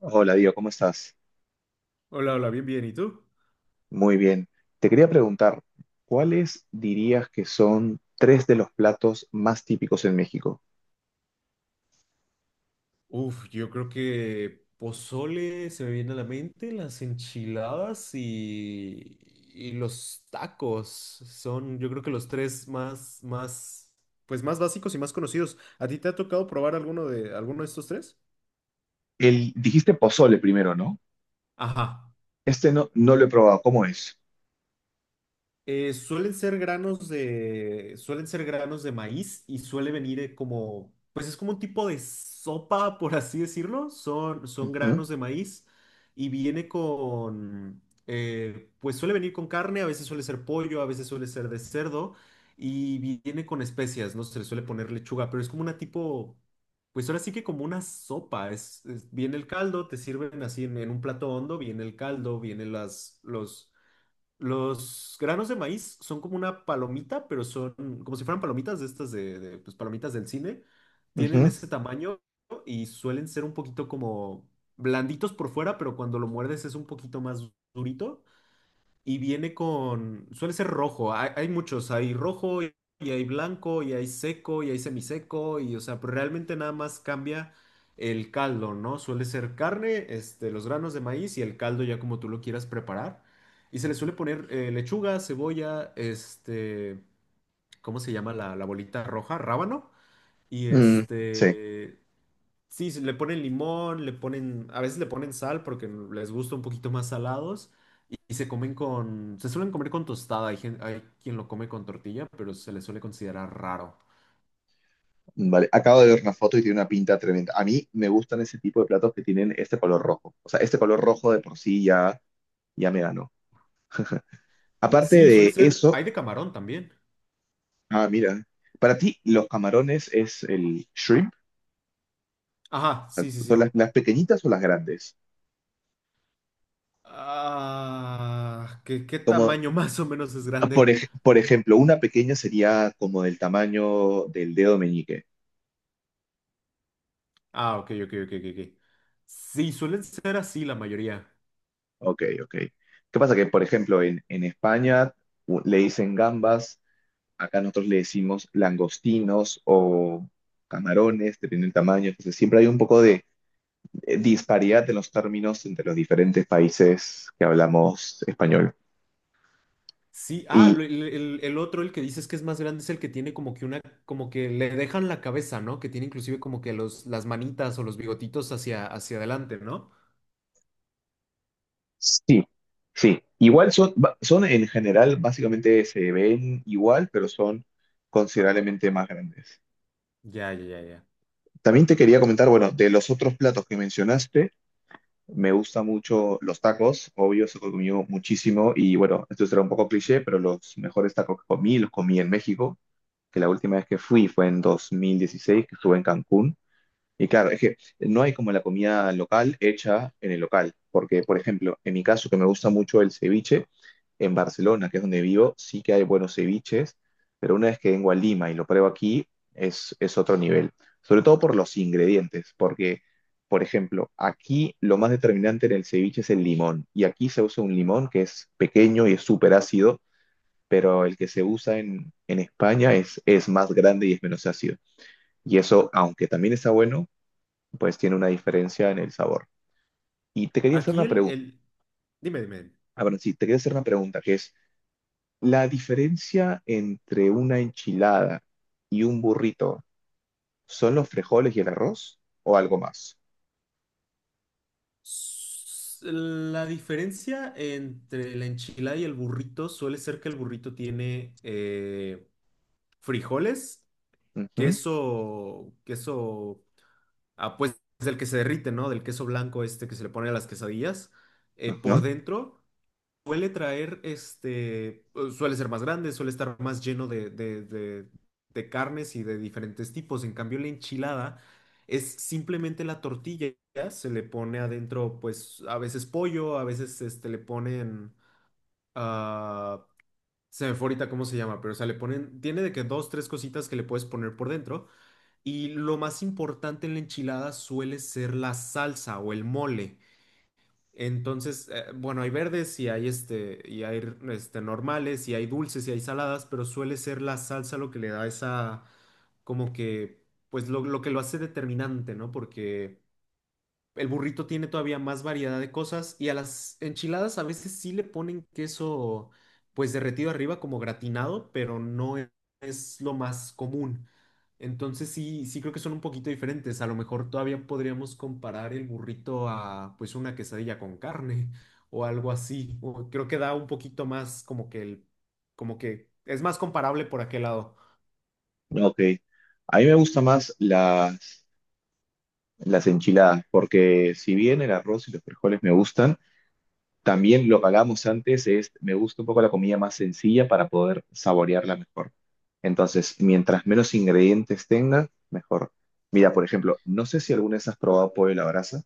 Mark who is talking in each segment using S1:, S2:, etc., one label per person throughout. S1: Hola, Diego, ¿cómo estás?
S2: Hola, hola, bien, bien. ¿Y tú?
S1: Muy bien. Te quería preguntar, ¿cuáles dirías que son tres de los platos más típicos en México?
S2: Uf, yo creo que pozole se me viene a la mente, las enchiladas y los tacos son, yo creo que los tres más pues más básicos y más conocidos. ¿A ti te ha tocado probar alguno de estos tres?
S1: El, dijiste pozole primero, ¿no?
S2: Ajá.
S1: Este no lo he probado, ¿cómo es?
S2: Suelen ser suelen ser granos de maíz y suele venir como, pues es como un tipo de sopa, por así decirlo. Son
S1: Ujú,
S2: granos de maíz y viene con, pues suele venir con carne, a veces suele ser pollo, a veces suele ser de cerdo y viene con especias, no se le suele poner lechuga, pero es como una tipo, pues ahora sí que como una sopa. Viene el caldo, te sirven así en un plato hondo, viene el caldo, vienen las, los granos de maíz son como una palomita, pero son como si fueran palomitas de estas pues, palomitas del cine. Tienen
S1: ujú,
S2: ese tamaño y suelen ser un poquito como blanditos por fuera, pero cuando lo muerdes es un poquito más durito y viene con, suele ser rojo, hay muchos, hay rojo y hay blanco y hay seco y hay semiseco y o sea, pero realmente nada más cambia el caldo, ¿no? Suele ser carne, este, los granos de maíz y el caldo ya como tú lo quieras preparar. Y se le suele poner lechuga, cebolla, este, ¿cómo se llama la bolita roja? Rábano. Y
S1: mm, sí,
S2: este, sí, le ponen limón, le ponen, a veces le ponen sal porque les gusta un poquito más salados y se suelen comer con tostada, hay, hay quien lo come con tortilla, pero se le suele considerar raro.
S1: vale. Acabo de ver una foto y tiene una pinta tremenda. A mí me gustan ese tipo de platos que tienen este color rojo. O sea, este color rojo de por sí ya, ya me ganó. Aparte
S2: Sí, suele
S1: de
S2: ser,
S1: eso,
S2: hay de camarón también.
S1: ah, mira, para ti los camarones es el shrimp.
S2: Ajá, sí, sí,
S1: ¿Son
S2: sí.
S1: las pequeñitas o las grandes?
S2: Ah, ¿qué, qué
S1: Como,
S2: tamaño más o menos es
S1: por,
S2: grande?
S1: por ejemplo, una pequeña sería como del tamaño del dedo meñique.
S2: Ah, ok, ok, ok, ok. Ok. Sí, suelen ser así la mayoría.
S1: Ok, ok. ¿Qué pasa? Que, por ejemplo, en España le dicen gambas, acá nosotros le decimos langostinos o camarones, dependiendo del tamaño. Entonces, siempre hay un poco de disparidad en los términos entre los diferentes países que hablamos español.
S2: Sí, ah,
S1: Y
S2: el otro, el que dices que es más grande, es el que tiene como que una, como que le dejan la cabeza, ¿no? Que tiene inclusive como que las manitas o los bigotitos hacia, hacia adelante, ¿no?
S1: sí, sí. Igual son, son en general, básicamente se ven igual, pero son considerablemente más grandes.
S2: Ya, ya, ya, ya.
S1: También te quería comentar, bueno, de los otros platos que mencionaste, me gustan mucho los tacos, obvio, se comí muchísimo y bueno, esto será un poco cliché, pero los mejores tacos que comí los comí en México, que la última vez que fui fue en 2016, que estuve en Cancún. Y claro, es que no hay como la comida local hecha en el local, porque por ejemplo, en mi caso que me gusta mucho el ceviche, en Barcelona, que es donde vivo, sí que hay buenos ceviches, pero una vez que vengo a Lima y lo pruebo aquí, es otro nivel, sobre todo por los ingredientes, porque por ejemplo, aquí lo más determinante en el ceviche es el limón, y aquí se usa un limón que es pequeño y es súper ácido, pero el que se usa en España es más grande y es menos ácido. Y eso, aunque también está bueno, pues tiene una diferencia en el sabor. Y te quería hacer
S2: Aquí
S1: una
S2: el,
S1: pregunta,
S2: el, Dime, dime.
S1: a ver, sí, te quería hacer una pregunta, que es, ¿la diferencia entre una enchilada y un burrito son los frijoles y el arroz o algo más?
S2: La diferencia entre la enchilada y el burrito suele ser que el burrito tiene frijoles,
S1: Ujú,
S2: queso, ah, pues del que se derrite, ¿no? Del queso blanco este que se le pone a las quesadillas,
S1: ajá,
S2: por dentro. Suele traer, este, suele ser más grande, suele estar más lleno de carnes y de diferentes tipos. En cambio, la enchilada es simplemente la tortilla, se le pone adentro, pues, a veces pollo, a veces, este, ah, se me fue ahorita cómo se llama, pero, o sea, le ponen, tiene de que dos, tres cositas que le puedes poner por dentro. Y lo más importante en la enchilada suele ser la salsa o el mole. Entonces, bueno, hay verdes y hay este, normales y hay dulces y hay saladas, pero suele ser la salsa lo que le da esa, como que, pues lo que lo hace determinante, ¿no? Porque el burrito tiene todavía más variedad de cosas y a las enchiladas a veces sí le ponen queso pues derretido arriba como gratinado, pero no e- es lo más común. Entonces sí, sí creo que son un poquito diferentes. A lo mejor todavía podríamos comparar el burrito a pues una quesadilla con carne o algo así. O creo que da un poquito más como que el, como que es más comparable por aquel lado.
S1: ok. A mí me gustan más las enchiladas, porque si bien el arroz y los frijoles me gustan, también lo que hablábamos antes es, me gusta un poco la comida más sencilla para poder saborearla mejor. Entonces, mientras menos ingredientes tenga, mejor. Mira, por ejemplo, no sé si alguna vez has probado pollo a la brasa.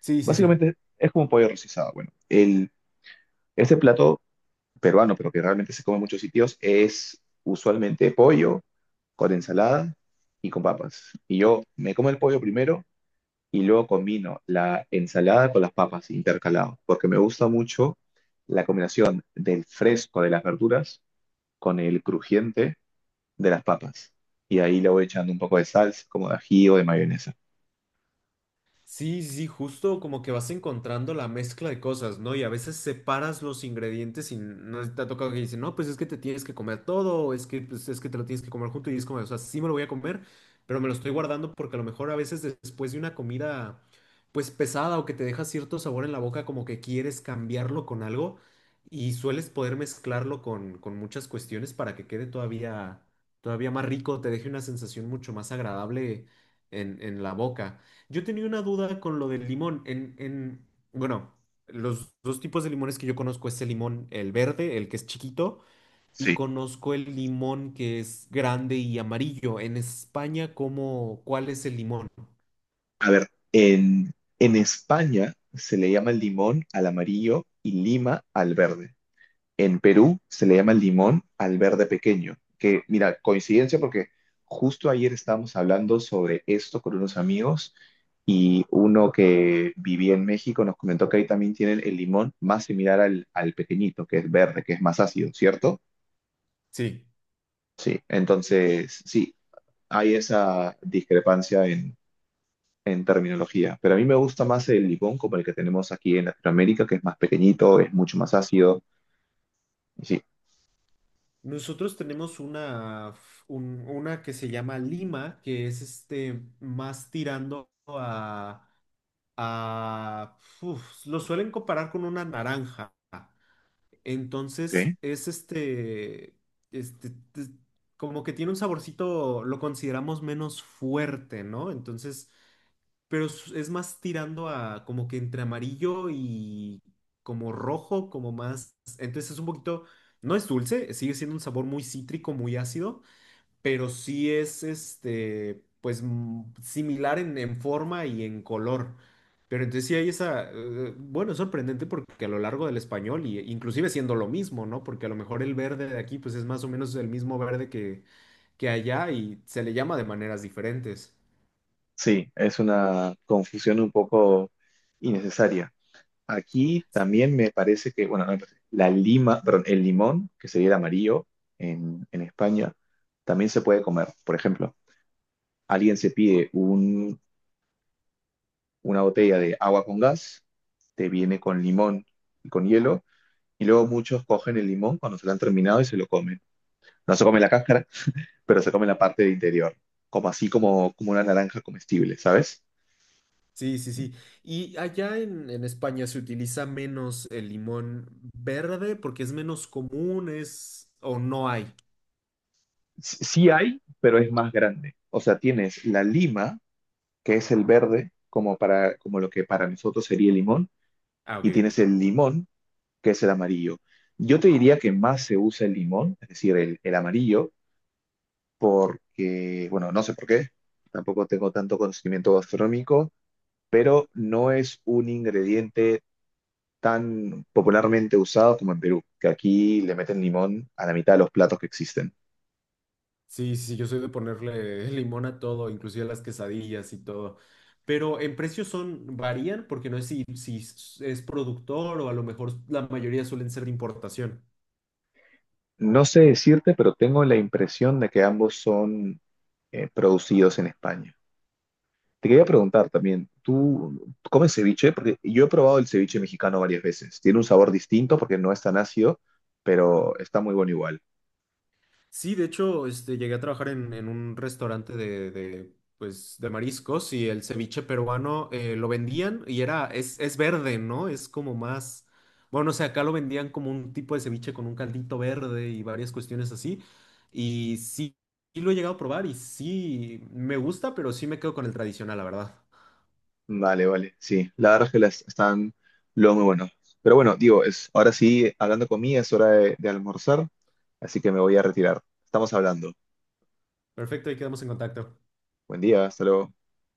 S2: Sí, sí, sí.
S1: Básicamente es como un pollo rostizado. Bueno, el, este plato peruano, pero que realmente se come en muchos sitios, es usualmente pollo con ensalada y con papas. Y yo me como el pollo primero y luego combino la ensalada con las papas intercalado, porque me gusta mucho la combinación del fresco de las verduras con el crujiente de las papas. Y ahí le voy echando un poco de salsa, como de ají o de mayonesa.
S2: Sí, sí, sí, justo como que vas encontrando la mezcla de cosas, ¿no? Y a veces separas los ingredientes y no te ha tocado que dicen, no, pues es que te tienes que comer todo, o es que, pues, es que te lo tienes que comer junto y es como, o sea, sí me lo voy a comer, pero me lo estoy guardando porque a lo mejor a veces después de una comida, pues pesada o que te deja cierto sabor en la boca, como que quieres cambiarlo con algo y sueles poder mezclarlo con muchas cuestiones para que quede todavía, todavía más rico, te deje una sensación mucho más agradable en la boca. Yo tenía una duda con lo del limón. Bueno, los dos tipos de limones que yo conozco es el limón, el verde, el que es chiquito, y
S1: Sí.
S2: conozco el limón que es grande y amarillo. En España, ¿cómo, cuál es el limón?
S1: En, en España se le llama el limón al amarillo y lima al verde. En Perú se le llama limón al verde pequeño, que mira, coincidencia porque justo ayer estábamos hablando sobre esto con unos amigos y uno que vivía en México nos comentó que ahí también tienen el limón más similar al, al pequeñito, que es verde, que es más ácido, ¿cierto?
S2: Sí.
S1: Sí, entonces sí, hay esa discrepancia en terminología, pero a mí me gusta más el limón como el que tenemos aquí en Latinoamérica, que es más pequeñito, es mucho más ácido. Sí,
S2: Nosotros tenemos una que se llama lima, que es este más tirando a uf, lo suelen comparar con una naranja. Entonces
S1: ok.
S2: es este, este, te- como que tiene un saborcito, lo consideramos menos fuerte, ¿no? Entonces, pero es más tirando a como que entre amarillo y como rojo, como más, entonces es un poquito, no es dulce, sigue siendo un sabor muy cítrico, muy ácido, pero sí es este, pues mm, similar en forma y en color. Pero entonces sí hay esa, bueno, es sorprendente porque a lo largo del español, y inclusive siendo lo mismo, ¿no? Porque a lo mejor el verde de aquí, pues es más o menos el mismo verde que allá y se le llama de maneras diferentes.
S1: Sí, es una confusión un poco innecesaria. Aquí también me parece que, bueno, no me parece, la lima, perdón, el limón, que sería el amarillo en España, también se puede comer. Por ejemplo, alguien se pide un- una botella de agua con gas, te viene con limón y con hielo, y luego muchos cogen el limón cuando se lo han terminado y se lo comen. No se come la cáscara, pero se come la parte del interior, como así como, como una naranja comestible, ¿sabes?
S2: Sí, sí, sí. Y allá en España se utiliza menos el limón verde porque es menos común, es o no hay.
S1: S- sí hay, pero es más grande. O sea, tienes la lima, que es el verde, como, para, como lo que para nosotros sería el limón,
S2: Ah, ok,
S1: y
S2: ok.
S1: tienes el limón, que es el amarillo. Yo te diría que más se usa el limón, es decir, el amarillo, porque, bueno, no sé por qué, tampoco tengo tanto conocimiento gastronómico, pero no es un ingrediente tan popularmente usado como en Perú, que aquí le meten limón a la mitad de los platos que existen.
S2: Sí, sí, sí, yo soy de ponerle limón a todo, inclusive a las quesadillas y todo. Pero en precios son, varían porque no es si es productor o a lo mejor la mayoría suelen ser de importación.
S1: No sé decirte, pero tengo la impresión de que ambos son producidos en España. Te quería preguntar también, ¿tú comes ceviche? Porque yo he probado el ceviche mexicano varias veces. Tiene un sabor distinto porque no es tan ácido, pero está muy bueno igual.
S2: Sí, de hecho, este, llegué a trabajar en un restaurante pues, de mariscos y el ceviche peruano lo vendían y es verde, ¿no? Es como más, bueno, o sea, acá lo vendían como un tipo de ceviche con un caldito verde y varias cuestiones así. Y sí, sí lo he llegado a probar y sí, me gusta, pero sí me quedo con el tradicional, la verdad.
S1: Vale, vale, sí. La verdad es que las están lo muy buenos. Pero bueno, digo, es, ahora sí, hablando conmigo, es hora de almorzar, así que me voy a retirar. Estamos hablando.
S2: Perfecto, ahí quedamos en contacto.
S1: Buen día, hasta luego.